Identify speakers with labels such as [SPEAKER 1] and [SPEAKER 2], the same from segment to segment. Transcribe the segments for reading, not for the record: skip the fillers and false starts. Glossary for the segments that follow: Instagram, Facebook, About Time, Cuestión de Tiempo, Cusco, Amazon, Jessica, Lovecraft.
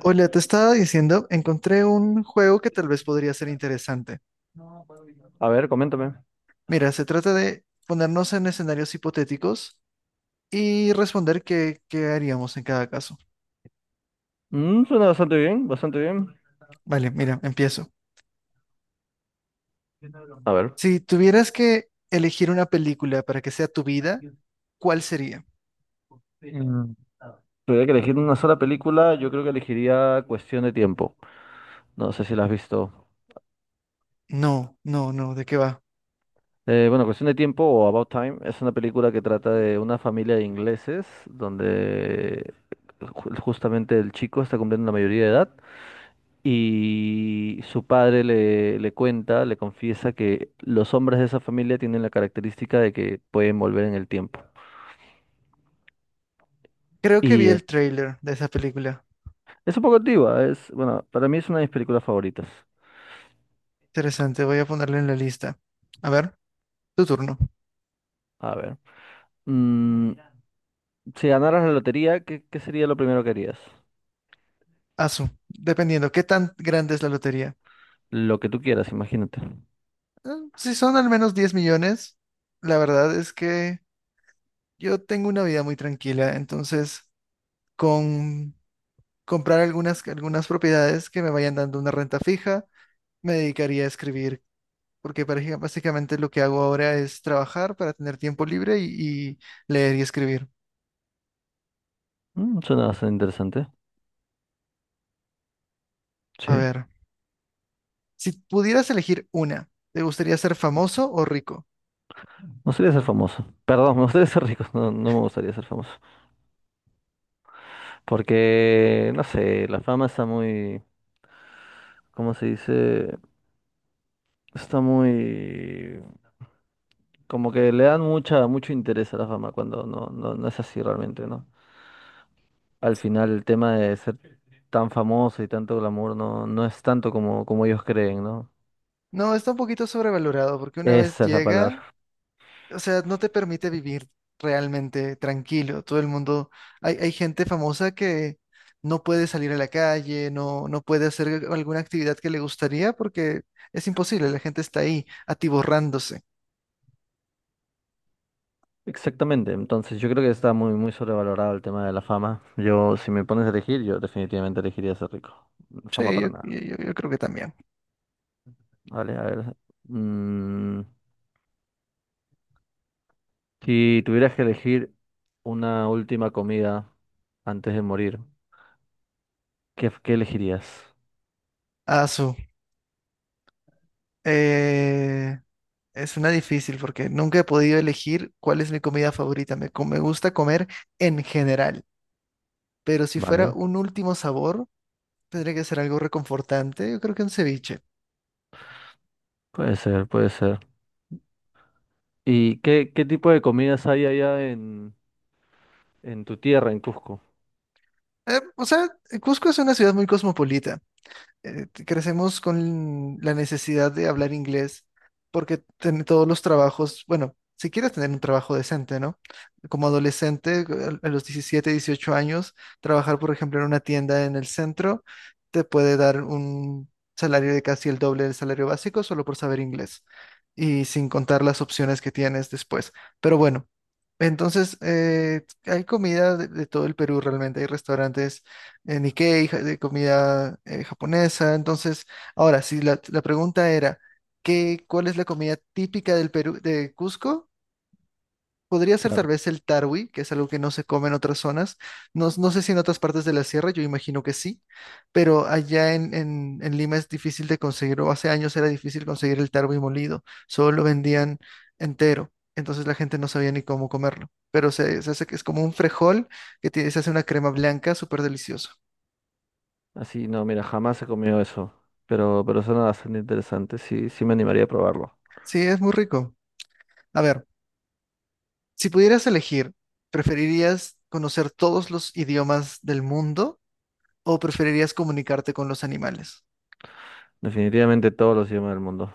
[SPEAKER 1] Hola, te estaba diciendo, encontré un juego que tal vez podría ser interesante.
[SPEAKER 2] A ver, coméntame.
[SPEAKER 1] Mira, se trata de ponernos en escenarios hipotéticos y responder qué haríamos en cada caso.
[SPEAKER 2] Suena bastante bien, bastante bien.
[SPEAKER 1] Vale, mira, empiezo.
[SPEAKER 2] A ver.
[SPEAKER 1] Si tuvieras que elegir una película para que sea tu vida, ¿cuál sería?
[SPEAKER 2] Mm, tuviera que elegir una sola película, yo creo que elegiría Cuestión de Tiempo. No sé si la has visto.
[SPEAKER 1] No, no, no, ¿de qué va?
[SPEAKER 2] Bueno, Cuestión de Tiempo o About Time es una película que trata de una familia de ingleses donde justamente el chico está cumpliendo la mayoría de edad y su padre le cuenta, le confiesa que los hombres de esa familia tienen la característica de que pueden volver en el tiempo.
[SPEAKER 1] Creo que vi
[SPEAKER 2] Y
[SPEAKER 1] el tráiler de esa película.
[SPEAKER 2] Es un poco antigua, es, bueno, para mí es una de mis películas favoritas.
[SPEAKER 1] Interesante, voy a ponerlo en la lista. A ver, tu turno.
[SPEAKER 2] A ver. mm, si ganaras la lotería, ¿ qué sería lo primero que harías?
[SPEAKER 1] Asu, dependiendo, ¿qué tan grande es la lotería?
[SPEAKER 2] Lo que tú quieras, imagínate.
[SPEAKER 1] Eh, Si son al menos 10 millones, la verdad es que yo tengo una vida muy tranquila, entonces con comprar algunas propiedades que me vayan dando una renta fija, me dedicaría a escribir, porque básicamente lo que hago ahora es trabajar para tener tiempo libre y leer y escribir.
[SPEAKER 2] Suena bastante interesante. Sí.
[SPEAKER 1] A
[SPEAKER 2] Me
[SPEAKER 1] ver, si pudieras elegir una, ¿te gustaría ser famoso o rico?
[SPEAKER 2] gustaría ser famoso. Perdón, me gustaría ser rico. No, no me gustaría ser famoso. Porque, no sé, la fama está muy, ¿cómo se dice? Está muy... Como que le dan mucho interés a la fama cuando no, no, no es así realmente, ¿no? Al final el tema de ser tan famoso y tanto glamour no, no es tanto como, como ellos creen, ¿no?
[SPEAKER 1] No, está un poquito sobrevalorado porque una vez
[SPEAKER 2] Esa es la
[SPEAKER 1] llega,
[SPEAKER 2] palabra.
[SPEAKER 1] o sea, no te permite vivir realmente tranquilo. Todo el mundo, hay gente famosa que no puede salir a la calle, no, no puede hacer alguna actividad que le gustaría porque es imposible, la gente está ahí atiborrándose.
[SPEAKER 2] Exactamente. Entonces yo creo que está muy, muy sobrevalorado el tema de la fama. Yo, si me pones a elegir, yo definitivamente elegiría ser rico. Fama
[SPEAKER 1] Sí, yo,
[SPEAKER 2] para nada.
[SPEAKER 1] yo creo que también.
[SPEAKER 2] Vale, a ver. mm, si tuvieras que elegir una última comida antes de morir, ¿ qué elegirías?
[SPEAKER 1] Asu, eh, es una difícil porque nunca he podido elegir cuál es mi comida favorita. Me, me gusta comer en general, pero si fuera
[SPEAKER 2] Vale.
[SPEAKER 1] un último sabor, tendría que ser algo reconfortante. Yo creo que un ceviche.
[SPEAKER 2] Puede ser, puede ser. ¿ qué tipo de comidas hay en tu tierra, en Cusco.
[SPEAKER 1] Eh, o sea, Cusco es una ciudad muy cosmopolita. Crecemos con la necesidad de hablar inglés porque todos los trabajos, bueno, si quieres tener un trabajo decente, ¿no? Como adolescente, a los 17, 18 años, trabajar, por ejemplo, en una tienda en el centro te puede dar un salario de casi el doble del salario básico solo por saber inglés y sin contar las opciones que tienes después. Pero bueno. Entonces, hay comida de todo el Perú realmente, hay restaurantes Nikkei, de comida japonesa. Entonces, ahora, si la pregunta era, qué, ¿cuál es la comida típica del Perú, de Cusco? Podría ser tal
[SPEAKER 2] Claro.
[SPEAKER 1] vez el tarwi, que es algo que no se come en otras zonas. No, no sé si en otras partes de la sierra, yo imagino que sí, pero allá en, en Lima es difícil de conseguir, o hace años era difícil conseguir el tarwi molido, solo lo vendían entero, entonces la gente no sabía ni cómo comerlo. Pero se hace que es como un frejol que se hace una crema blanca súper delicioso.
[SPEAKER 2] Así, no, mira, jamás he comido eso. Pero suena bastante interesante. Sí, sí me animaría a probarlo.
[SPEAKER 1] Sí, es muy rico. A ver, si pudieras elegir, ¿preferirías conocer todos los idiomas del mundo o preferirías comunicarte con los animales?
[SPEAKER 2] Definitivamente todos los idiomas del mundo.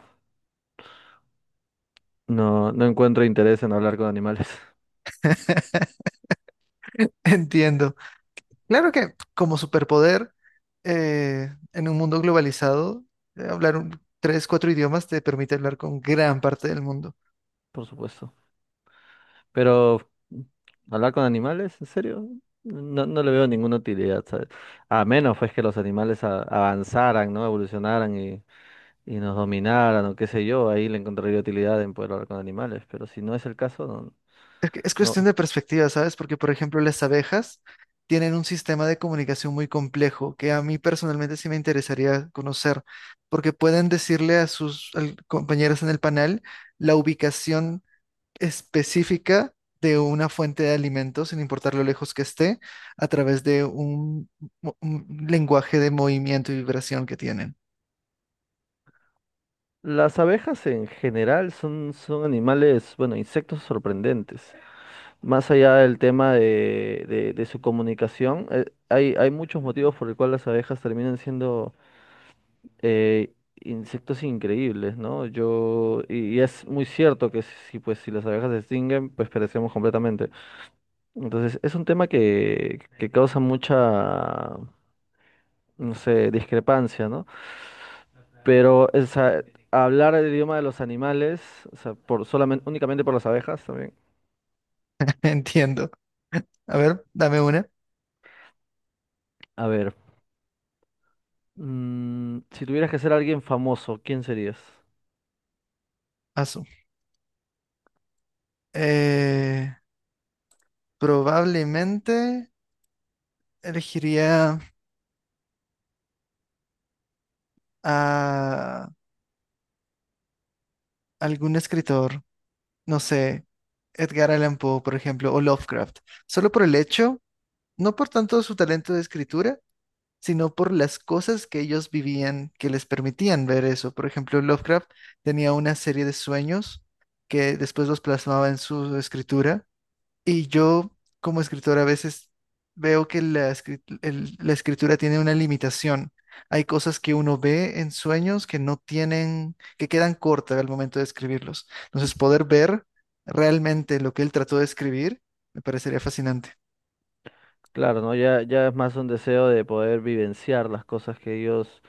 [SPEAKER 2] No, no encuentro interés en hablar con animales,
[SPEAKER 1] Entiendo. Claro que como superpoder, en un mundo globalizado, hablar 3, 4 idiomas te permite hablar con gran parte del mundo.
[SPEAKER 2] por supuesto. Pero, ¿hablar con animales? ¿En serio? No, no le veo ninguna utilidad, ¿sabes? A menos pues que los animales avanzaran, ¿no? Evolucionaran y nos dominaran o qué sé yo. Ahí le encontraría utilidad en poder hablar con animales. Pero si no es el caso, no,
[SPEAKER 1] Es es cuestión
[SPEAKER 2] no,
[SPEAKER 1] de perspectiva, ¿sabes? Porque, por ejemplo, las abejas tienen un sistema de comunicación muy complejo que a mí personalmente sí me interesaría conocer, porque pueden decirle a sus compañeros en el panel la ubicación específica de una fuente de alimentos, sin importar lo lejos que esté, a través de un lenguaje de movimiento y vibración que tienen.
[SPEAKER 2] Las abejas en general son, son animales, bueno, insectos sorprendentes. Más allá del tema de su comunicación, hay, hay muchos motivos por el cual las abejas terminan siendo eh, insectos increíbles, ¿no? Y es muy cierto que si, pues, si las abejas se extinguen, pues perecemos completamente. Entonces, es un tema que causa mucha, no sé, discrepancia, ¿no? Pero, o sea, hablar el idioma de los animales, o sea, por solamente, únicamente por las abejas también.
[SPEAKER 1] Entiendo. A ver, dame una.
[SPEAKER 2] A ver, si tuvieras que ser alguien famoso, ¿quién serías?
[SPEAKER 1] Asu. Eh, Probablemente elegiría a algún escritor, no sé, Edgar Allan Poe, por ejemplo, o Lovecraft, solo por el hecho, no por tanto su talento de escritura, sino por las cosas que ellos vivían que les permitían ver eso. Por ejemplo, Lovecraft tenía una serie de sueños que después los plasmaba en su escritura. Y yo, como escritor, a veces veo que la escritura tiene una limitación. Hay cosas que uno ve en sueños que no tienen, que quedan cortas al momento de escribirlos. Entonces, poder ver realmente lo que él trató de escribir me parecería fascinante.
[SPEAKER 2] Claro, ¿no? Ya es más un deseo de poder vivenciar las cosas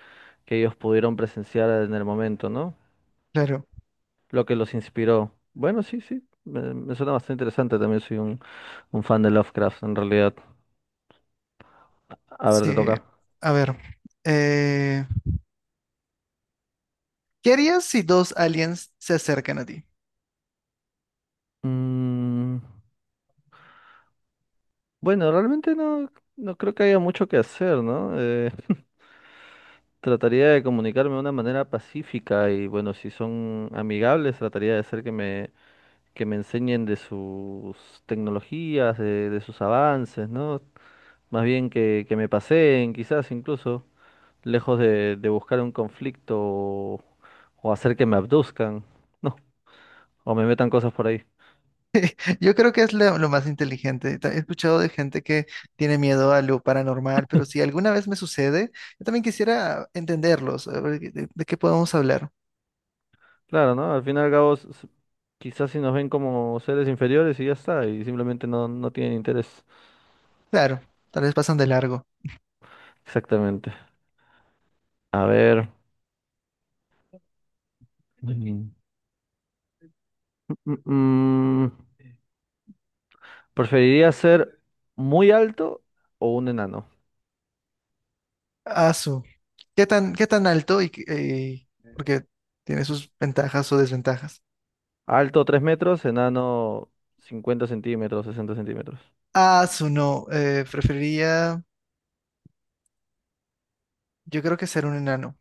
[SPEAKER 2] que ellos pudieron presenciar en el momento, ¿no?
[SPEAKER 1] Claro,
[SPEAKER 2] Lo que los inspiró. Bueno, sí, sí. Me suena bastante interesante. También soy un fan de Lovecraft, en realidad. A ver,
[SPEAKER 1] sí.
[SPEAKER 2] te toca.
[SPEAKER 1] A ver, eh, ¿qué harías si dos aliens se acercan a ti?
[SPEAKER 2] Mm, bueno, realmente no, no creo que haya mucho que hacer, ¿no? Trataría de comunicarme de una manera pacífica y bueno, si son amigables, trataría de hacer que me enseñen de sus tecnologías, de sus avances, ¿no? Más bien que me paseen, quizás incluso, lejos de buscar un conflicto o hacer que me abduzcan, ¿no? O me metan cosas por ahí.
[SPEAKER 1] Yo creo que es lo más inteligente. He escuchado de gente que tiene miedo a lo paranormal, pero si alguna vez me sucede, yo también quisiera entenderlos, a ver, de qué podemos hablar.
[SPEAKER 2] Claro, ¿no? Al final y al cabo, quizás si nos ven como seres inferiores y ya está, y simplemente no, no tienen interés.
[SPEAKER 1] Claro, tal vez pasan de largo.
[SPEAKER 2] Exactamente. A ver. Mm, mm, ¿Preferiría ser muy alto o un enano?
[SPEAKER 1] Asu, qué tan alto y porque tiene sus ventajas o desventajas?
[SPEAKER 2] Alto 3 metros, enano 50 centímetros, 60 centímetros.
[SPEAKER 1] Asu, no, preferiría, yo creo que ser un enano,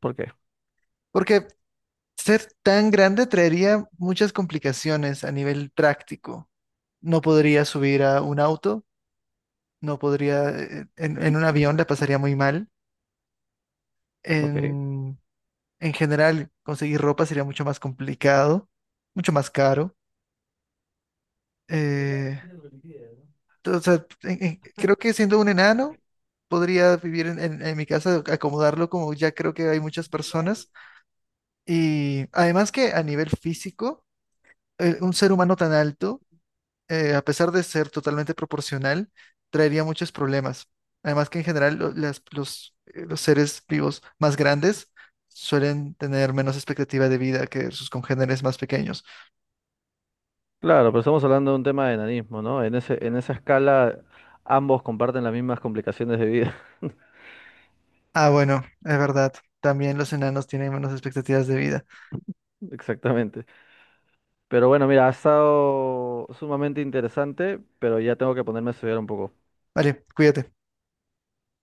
[SPEAKER 2] ¿Por qué?
[SPEAKER 1] porque ser tan grande traería muchas complicaciones a nivel práctico. No podría subir a un auto, no podría, en un avión la pasaría muy mal.
[SPEAKER 2] Ok.
[SPEAKER 1] En, en general, conseguir ropa sería mucho más complicado, mucho más caro. Eh, Creo que siendo un enano, podría vivir en, en mi casa, acomodarlo como ya creo que hay muchas personas. Y además que a nivel físico, un ser humano tan alto, a pesar de ser totalmente proporcional, traería muchos problemas. Además que en general los seres vivos más grandes suelen tener menos expectativa de vida que sus congéneres más pequeños.
[SPEAKER 2] Claro, pero estamos hablando de un tema de enanismo, ¿no? En esa escala ambos comparten las mismas complicaciones de vida.
[SPEAKER 1] Ah, bueno, es verdad. También los enanos tienen menos expectativas de vida.
[SPEAKER 2] Exactamente. Pero bueno, mira, ha estado sumamente interesante, pero ya tengo que ponerme a estudiar un poco.
[SPEAKER 1] Vale, cuídate.